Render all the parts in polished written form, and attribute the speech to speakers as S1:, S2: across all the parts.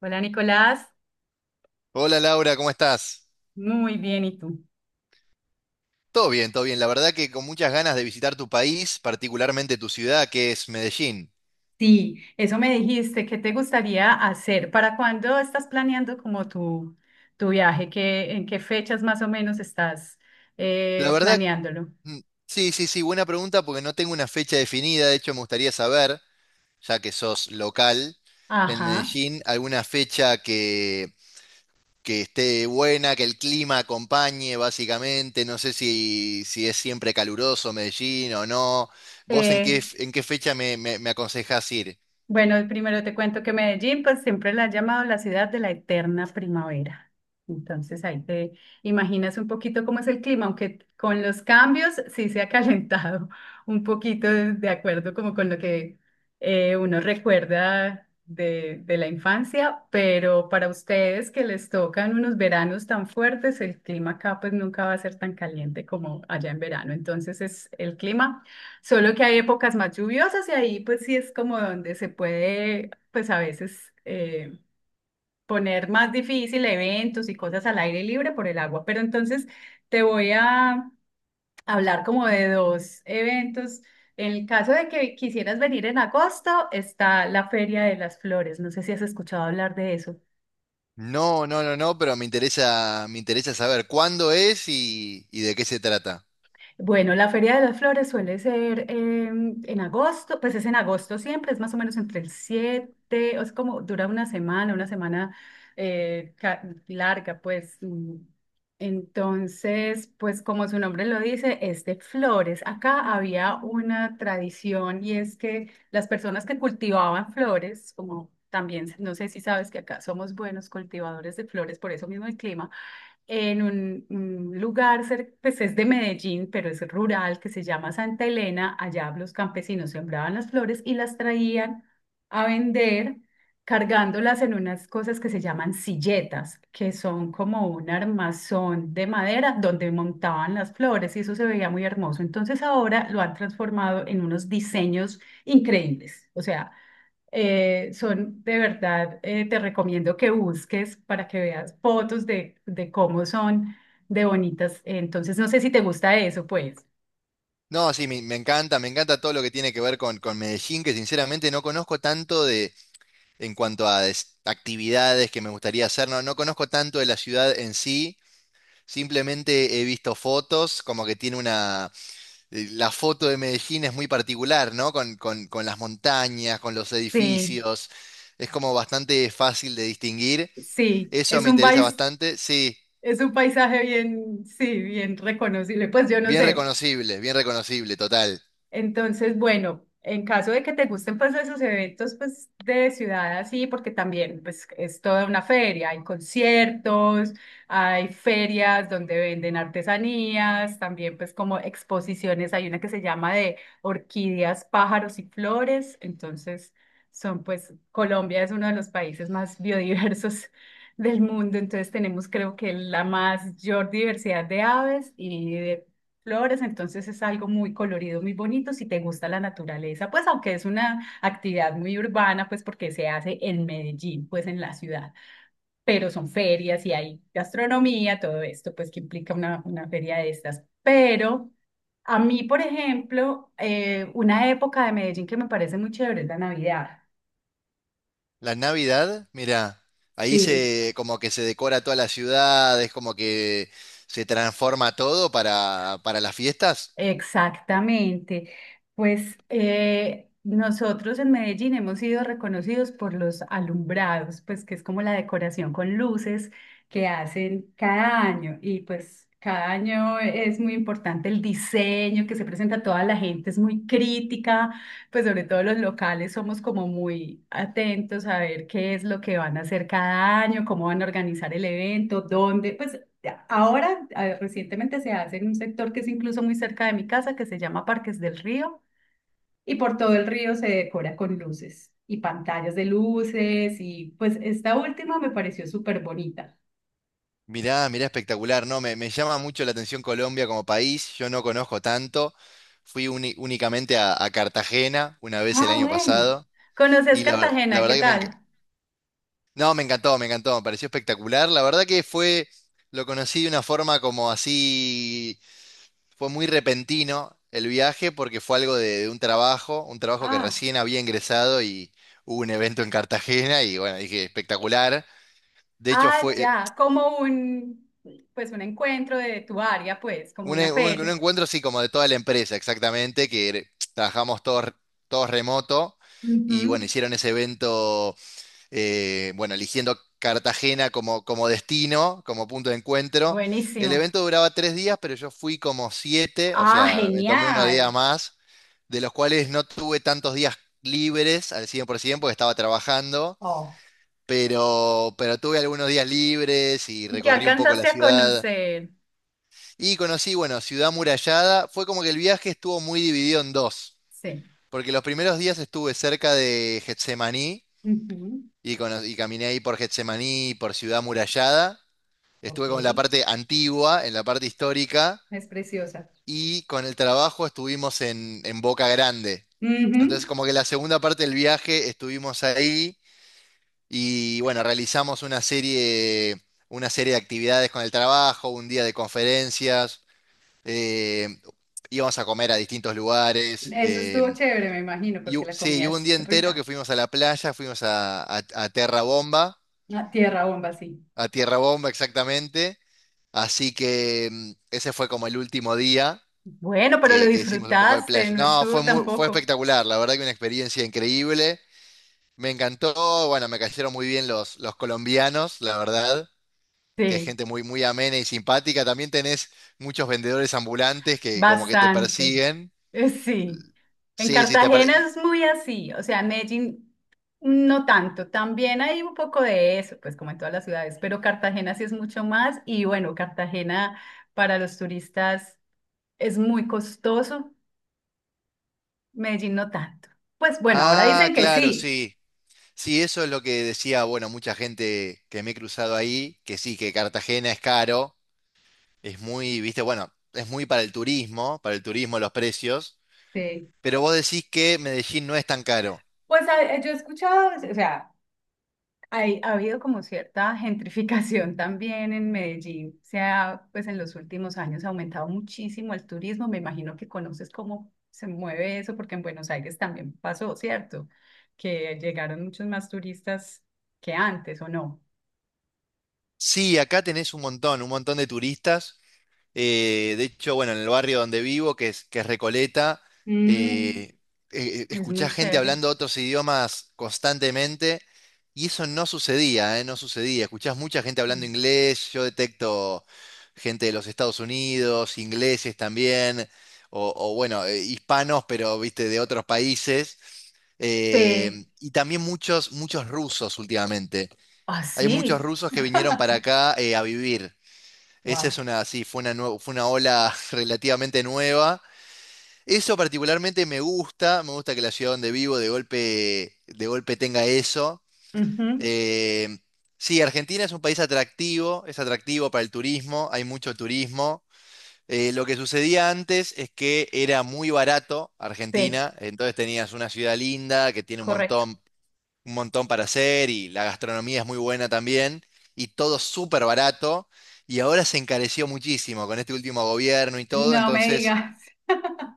S1: Hola Nicolás,
S2: Hola Laura, ¿cómo estás?
S1: muy bien, ¿y tú?
S2: Todo bien, todo bien. La verdad que con muchas ganas de visitar tu país, particularmente tu ciudad, que es Medellín.
S1: Sí, eso me dijiste, ¿qué te gustaría hacer? ¿Para cuándo estás planeando como tu viaje? ¿En qué fechas más o menos estás
S2: La verdad,
S1: planeándolo?
S2: mm, sí, sí, sí, buena pregunta porque no tengo una fecha definida. De hecho, me gustaría saber, ya que sos local en
S1: Ajá.
S2: Medellín, alguna fecha que esté buena, que el clima acompañe, básicamente. No sé si es siempre caluroso Medellín o no. ¿Vos en
S1: Eh,
S2: qué fecha me aconsejás ir?
S1: Bueno, primero te cuento que Medellín, pues siempre la han llamado la ciudad de la eterna primavera. Entonces ahí te imaginas un poquito cómo es el clima, aunque con los cambios sí se ha calentado un poquito de acuerdo como con lo que uno recuerda de la infancia, pero para ustedes que les tocan unos veranos tan fuertes, el clima acá pues nunca va a ser tan caliente como allá en verano. Entonces es el clima. Solo que hay épocas más lluviosas y ahí pues sí es como donde se puede pues a veces poner más difícil eventos y cosas al aire libre por el agua. Pero entonces te voy a hablar como de dos eventos. En el caso de que quisieras venir en agosto, está la Feria de las Flores. No sé si has escuchado hablar de eso.
S2: No, no, no, no, pero me interesa saber cuándo es y de qué se trata.
S1: Bueno, la Feria de las Flores suele ser en agosto, pues es en agosto siempre, es más o menos entre el 7, o es como dura una semana eh, ca- larga, pues. Mm. Entonces, pues como su nombre lo dice, es de flores. Acá había una tradición y es que las personas que cultivaban flores, como también, no sé si sabes que acá somos buenos cultivadores de flores, por eso mismo el clima en un lugar, pues es de Medellín, pero es rural, que se llama Santa Elena. Allá los campesinos sembraban las flores y las traían a vender, cargándolas en unas cosas que se llaman silletas, que son como un armazón de madera donde montaban las flores y eso se veía muy hermoso. Entonces ahora lo han transformado en unos diseños increíbles. O sea, son de verdad, te recomiendo que busques para que veas fotos de cómo son de bonitas. Entonces, no sé si te gusta eso, pues.
S2: No, sí, me encanta todo lo que tiene que ver con Medellín, que sinceramente no conozco tanto de, en cuanto a actividades que me gustaría hacer, no, no conozco tanto de la ciudad en sí, simplemente he visto fotos, como que tiene una, la foto de Medellín es muy particular, ¿no? Con las montañas, con los
S1: Sí.
S2: edificios, es como bastante fácil de distinguir,
S1: Sí,
S2: eso me interesa bastante, sí.
S1: es un paisaje bien, sí, bien reconocible. Pues yo no sé.
S2: Bien reconocible, total.
S1: Entonces, bueno, en caso de que te gusten pues esos eventos pues de ciudad así, porque también pues es toda una feria, hay conciertos, hay ferias donde venden artesanías, también pues como exposiciones, hay una que se llama de orquídeas, pájaros y flores, entonces son pues Colombia es uno de los países más biodiversos del mundo, entonces tenemos creo que la más mayor diversidad de aves y de flores, entonces es algo muy colorido, muy bonito si te gusta la naturaleza, pues aunque es una actividad muy urbana, pues porque se hace en Medellín, pues en la ciudad, pero son ferias y hay gastronomía, todo esto, pues que implica una feria de estas. Pero a mí, por ejemplo, una época de Medellín que me parece muy chévere es la Navidad.
S2: La Navidad, mira, ahí
S1: Sí.
S2: se como que se decora toda la ciudad, es como que se transforma todo para las fiestas.
S1: Exactamente. Pues nosotros en Medellín hemos sido reconocidos por los alumbrados, pues que es como la decoración con luces que hacen cada año. Y pues cada año es muy importante el diseño que se presenta a toda la gente, es muy crítica, pues sobre todo los locales somos como muy atentos a ver qué es lo que van a hacer cada año, cómo van a organizar el evento, dónde, pues. Ahora, recientemente se hace en un sector que es incluso muy cerca de mi casa, que se llama Parques del Río, y por todo el río se decora con luces y pantallas de luces, y pues esta última me pareció súper bonita.
S2: Mirá, mirá, espectacular, ¿no? Me llama mucho la atención Colombia como país, yo no conozco tanto. Únicamente a Cartagena una vez el
S1: Ah,
S2: año
S1: bueno.
S2: pasado
S1: ¿Conoces
S2: y la
S1: Cartagena?
S2: verdad
S1: ¿Qué
S2: que
S1: tal?
S2: no, me encantó, me encantó, me pareció espectacular. La verdad que fue, lo conocí de una forma como así. Fue muy repentino el viaje porque fue algo de un trabajo que
S1: Ah,
S2: recién había ingresado y hubo un evento en Cartagena y bueno, dije, espectacular. De hecho,
S1: ah,
S2: fue
S1: ya, como pues un encuentro de tu área, pues, como una
S2: un
S1: feria.
S2: encuentro así como de toda la empresa, exactamente, trabajamos todos, todos remoto
S1: Ujú.
S2: y bueno, hicieron ese evento, bueno, eligiendo Cartagena como, como destino, como punto de encuentro. El
S1: Buenísimo.
S2: evento duraba tres días, pero yo fui como siete, o
S1: Ah,
S2: sea, me tomé unos días
S1: genial.
S2: más, de los cuales no tuve tantos días libres al 100% porque estaba trabajando,
S1: Oh.
S2: pero tuve algunos días libres y
S1: ¿Qué
S2: recorrí un poco la
S1: alcanzaste a
S2: ciudad
S1: conocer?
S2: y conocí, bueno, Ciudad Murallada. Fue como que el viaje estuvo muy dividido en dos,
S1: Sí.
S2: porque los primeros días estuve cerca de Getsemaní
S1: Ujú.
S2: y caminé ahí por Getsemaní, y por Ciudad Murallada.
S1: Ok,
S2: Estuve con la parte antigua, en la parte histórica,
S1: es preciosa.
S2: y con el trabajo estuvimos en Boca Grande.
S1: Ujú.
S2: Entonces, como que la segunda parte del viaje estuvimos ahí y bueno, realizamos una serie de actividades con el trabajo, un día de conferencias, eh, íbamos a comer a distintos lugares.
S1: Eso estuvo chévere, me imagino, porque la
S2: Sí, y
S1: comida
S2: hubo un día
S1: es
S2: entero que
S1: rica.
S2: fuimos a la playa, fuimos a Terra Bomba,
S1: Ah, tierra bomba, sí.
S2: a Tierra Bomba exactamente. Así que ese fue como el último día
S1: Bueno, pero lo
S2: que hicimos un poco de
S1: disfrutaste,
S2: playa.
S1: no
S2: No,
S1: estuvo
S2: fue muy, fue
S1: tampoco.
S2: espectacular, la verdad que una experiencia increíble. Me encantó, bueno, me cayeron muy bien los colombianos, la verdad, que es
S1: Sí,
S2: gente muy, muy amena y simpática. También tenés muchos vendedores ambulantes que como que te
S1: bastante.
S2: persiguen.
S1: Sí. En
S2: Sí, sí,
S1: Cartagena es muy así, o sea, Medellín no tanto, también hay un poco de eso, pues como en todas las ciudades, pero Cartagena sí es mucho más y bueno, Cartagena para los turistas es muy costoso, Medellín no tanto. Pues bueno, ahora
S2: ah,
S1: dicen que
S2: claro,
S1: sí.
S2: sí. Sí, eso es lo que decía, bueno, mucha gente que me he cruzado ahí, que sí, que Cartagena es caro, es muy, viste, bueno, es muy para el turismo los precios,
S1: Sí.
S2: pero vos decís que Medellín no es tan caro.
S1: Pues a- yo he escuchado, o sea, ha habido como cierta gentrificación también en Medellín. O sea, pues en los últimos años ha aumentado muchísimo el turismo. Me imagino que conoces cómo se mueve eso, porque en Buenos Aires también pasó, ¿cierto? Que llegaron muchos más turistas que antes, ¿o no?
S2: Sí, acá tenés un montón de turistas. De hecho, bueno, en el barrio donde vivo, que es Recoleta,
S1: Mm,
S2: eh,
S1: es muy
S2: escuchás gente
S1: chévere.
S2: hablando otros idiomas constantemente y eso no sucedía, no sucedía. Escuchás mucha gente hablando
S1: Mm.
S2: inglés, yo detecto gente de los Estados Unidos, ingleses también, o bueno, hispanos, pero viste, de otros países, eh,
S1: Sí.
S2: y también muchos, muchos rusos últimamente. Hay muchos
S1: Así.
S2: rusos que vinieron para acá a vivir.
S1: Wow.
S2: Sí, fue una ola relativamente nueva. Eso particularmente me gusta que la ciudad donde vivo de golpe tenga eso.
S1: Ujú.
S2: Eh, sí, Argentina es un país atractivo, es atractivo para el turismo, hay mucho turismo. Lo que sucedía antes es que era muy barato
S1: Sí,
S2: Argentina, entonces tenías una ciudad linda que tiene
S1: correcto.
S2: un montón para hacer y la gastronomía es muy buena también y todo súper barato y ahora se encareció muchísimo con este último gobierno y todo,
S1: No me
S2: entonces
S1: digas.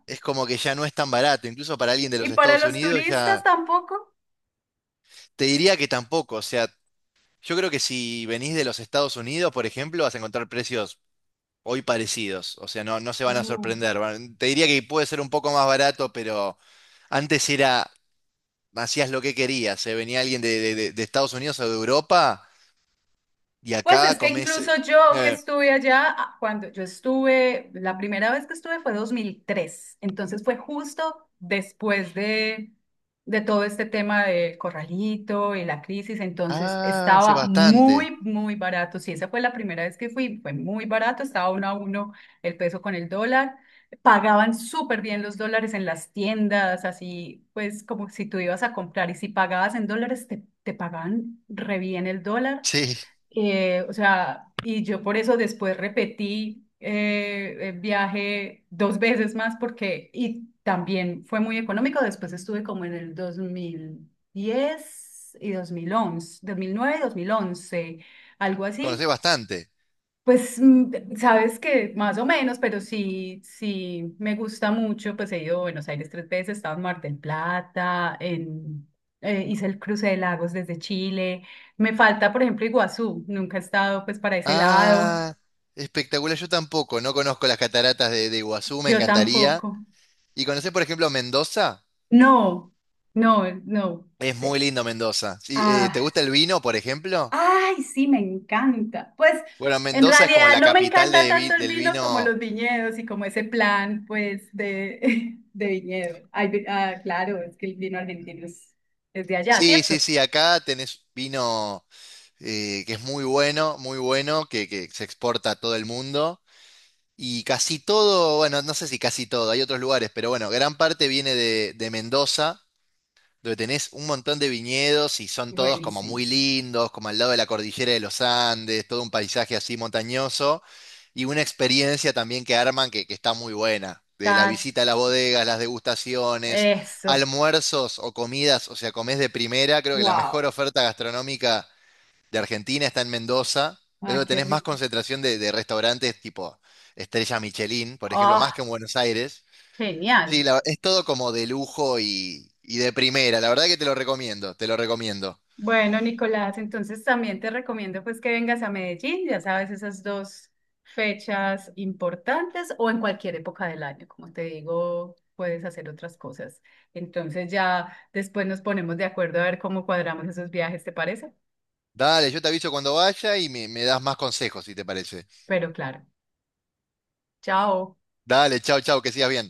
S2: es como que ya no es tan barato, incluso para alguien de
S1: ¿Y
S2: los
S1: para
S2: Estados
S1: los
S2: Unidos
S1: turistas
S2: ya
S1: tampoco?
S2: te diría que tampoco, o sea, yo creo que si venís de los Estados Unidos, por ejemplo, vas a encontrar precios hoy parecidos, o sea, no, no se van a
S1: Oh.
S2: sorprender, te diría que puede ser un poco más barato, pero antes era... Hacías lo que querías, se venía alguien de Estados Unidos o de Europa y
S1: Pues
S2: acá
S1: es que
S2: comés.
S1: incluso yo que
S2: Eh,
S1: estuve allá, ah, cuando yo estuve, la primera vez que estuve fue 2003 entonces fue justo después de, todo este tema del corralito y la crisis, entonces
S2: ah, sé
S1: estaba
S2: bastante.
S1: muy, muy barato. Sí, esa fue la primera vez que fui, fue muy barato, estaba uno a uno el peso con el dólar. Pagaban súper bien los dólares en las tiendas, así pues como si tú ibas a comprar y si pagabas en dólares, te pagaban re bien el dólar.
S2: Sí,
S1: O sea, y yo por eso después repetí el viaje dos veces más porque, y también fue muy económico, después estuve como en el 2010 y 2011, 2009 y 2011, algo así,
S2: conocés bastante.
S1: pues sabes que más o menos, pero sí, sí me gusta mucho. Pues he ido a Buenos Aires tres veces, he estado en Mar del Plata, en, hice el cruce de lagos desde Chile. Me falta, por ejemplo, Iguazú. Nunca he estado pues para ese lado.
S2: Ah, espectacular. Yo tampoco, no conozco las cataratas de Iguazú, me
S1: Yo
S2: encantaría.
S1: tampoco.
S2: ¿Y conocés, por ejemplo, Mendoza?
S1: No, no, no.
S2: Es muy
S1: Te-
S2: lindo Mendoza. Sí, ¿te
S1: Ah,
S2: gusta el vino, por ejemplo?
S1: Ay, sí, me encanta. Pues
S2: Bueno,
S1: en
S2: Mendoza es como
S1: realidad
S2: la
S1: no me
S2: capital
S1: encanta tanto el
S2: del
S1: vino como
S2: vino.
S1: los viñedos y como ese plan, pues, de, de viñedo. Ay, ah, claro, es que el vino argentino es de allá,
S2: Sí, sí,
S1: ¿cierto?
S2: sí, acá tenés vino que es muy bueno, muy bueno, que se exporta a todo el mundo. Y casi todo, bueno, no sé si casi todo, hay otros lugares, pero bueno, gran parte viene de Mendoza, donde tenés un montón de viñedos y son todos como
S1: Buenísimo.
S2: muy lindos, como al lado de la cordillera de los Andes, todo un paisaje así montañoso y una experiencia también que arman que está muy buena, de la
S1: Tal,
S2: visita a las bodegas, las degustaciones,
S1: eso.
S2: almuerzos o comidas, o sea, comés de primera, creo que la mejor
S1: Wow.
S2: oferta gastronómica de Argentina, está en Mendoza. Es
S1: Ah,
S2: donde
S1: qué
S2: tenés más
S1: rico.
S2: concentración de restaurantes tipo Estrella Michelin, por ejemplo,
S1: Oh,
S2: más que en Buenos Aires. Sí,
S1: genial.
S2: es todo como de lujo y de primera. La verdad que te lo recomiendo, te lo recomiendo.
S1: Bueno, Nicolás, entonces también te recomiendo pues que vengas a Medellín, ya sabes, esas dos fechas importantes o en cualquier época del año, como te digo, puedes hacer otras cosas. Entonces ya después nos ponemos de acuerdo a ver cómo cuadramos esos viajes, ¿te parece?
S2: Dale, yo te aviso cuando vaya y me das más consejos, si te parece.
S1: Pero claro, chao.
S2: Dale, chau, chau, que sigas bien.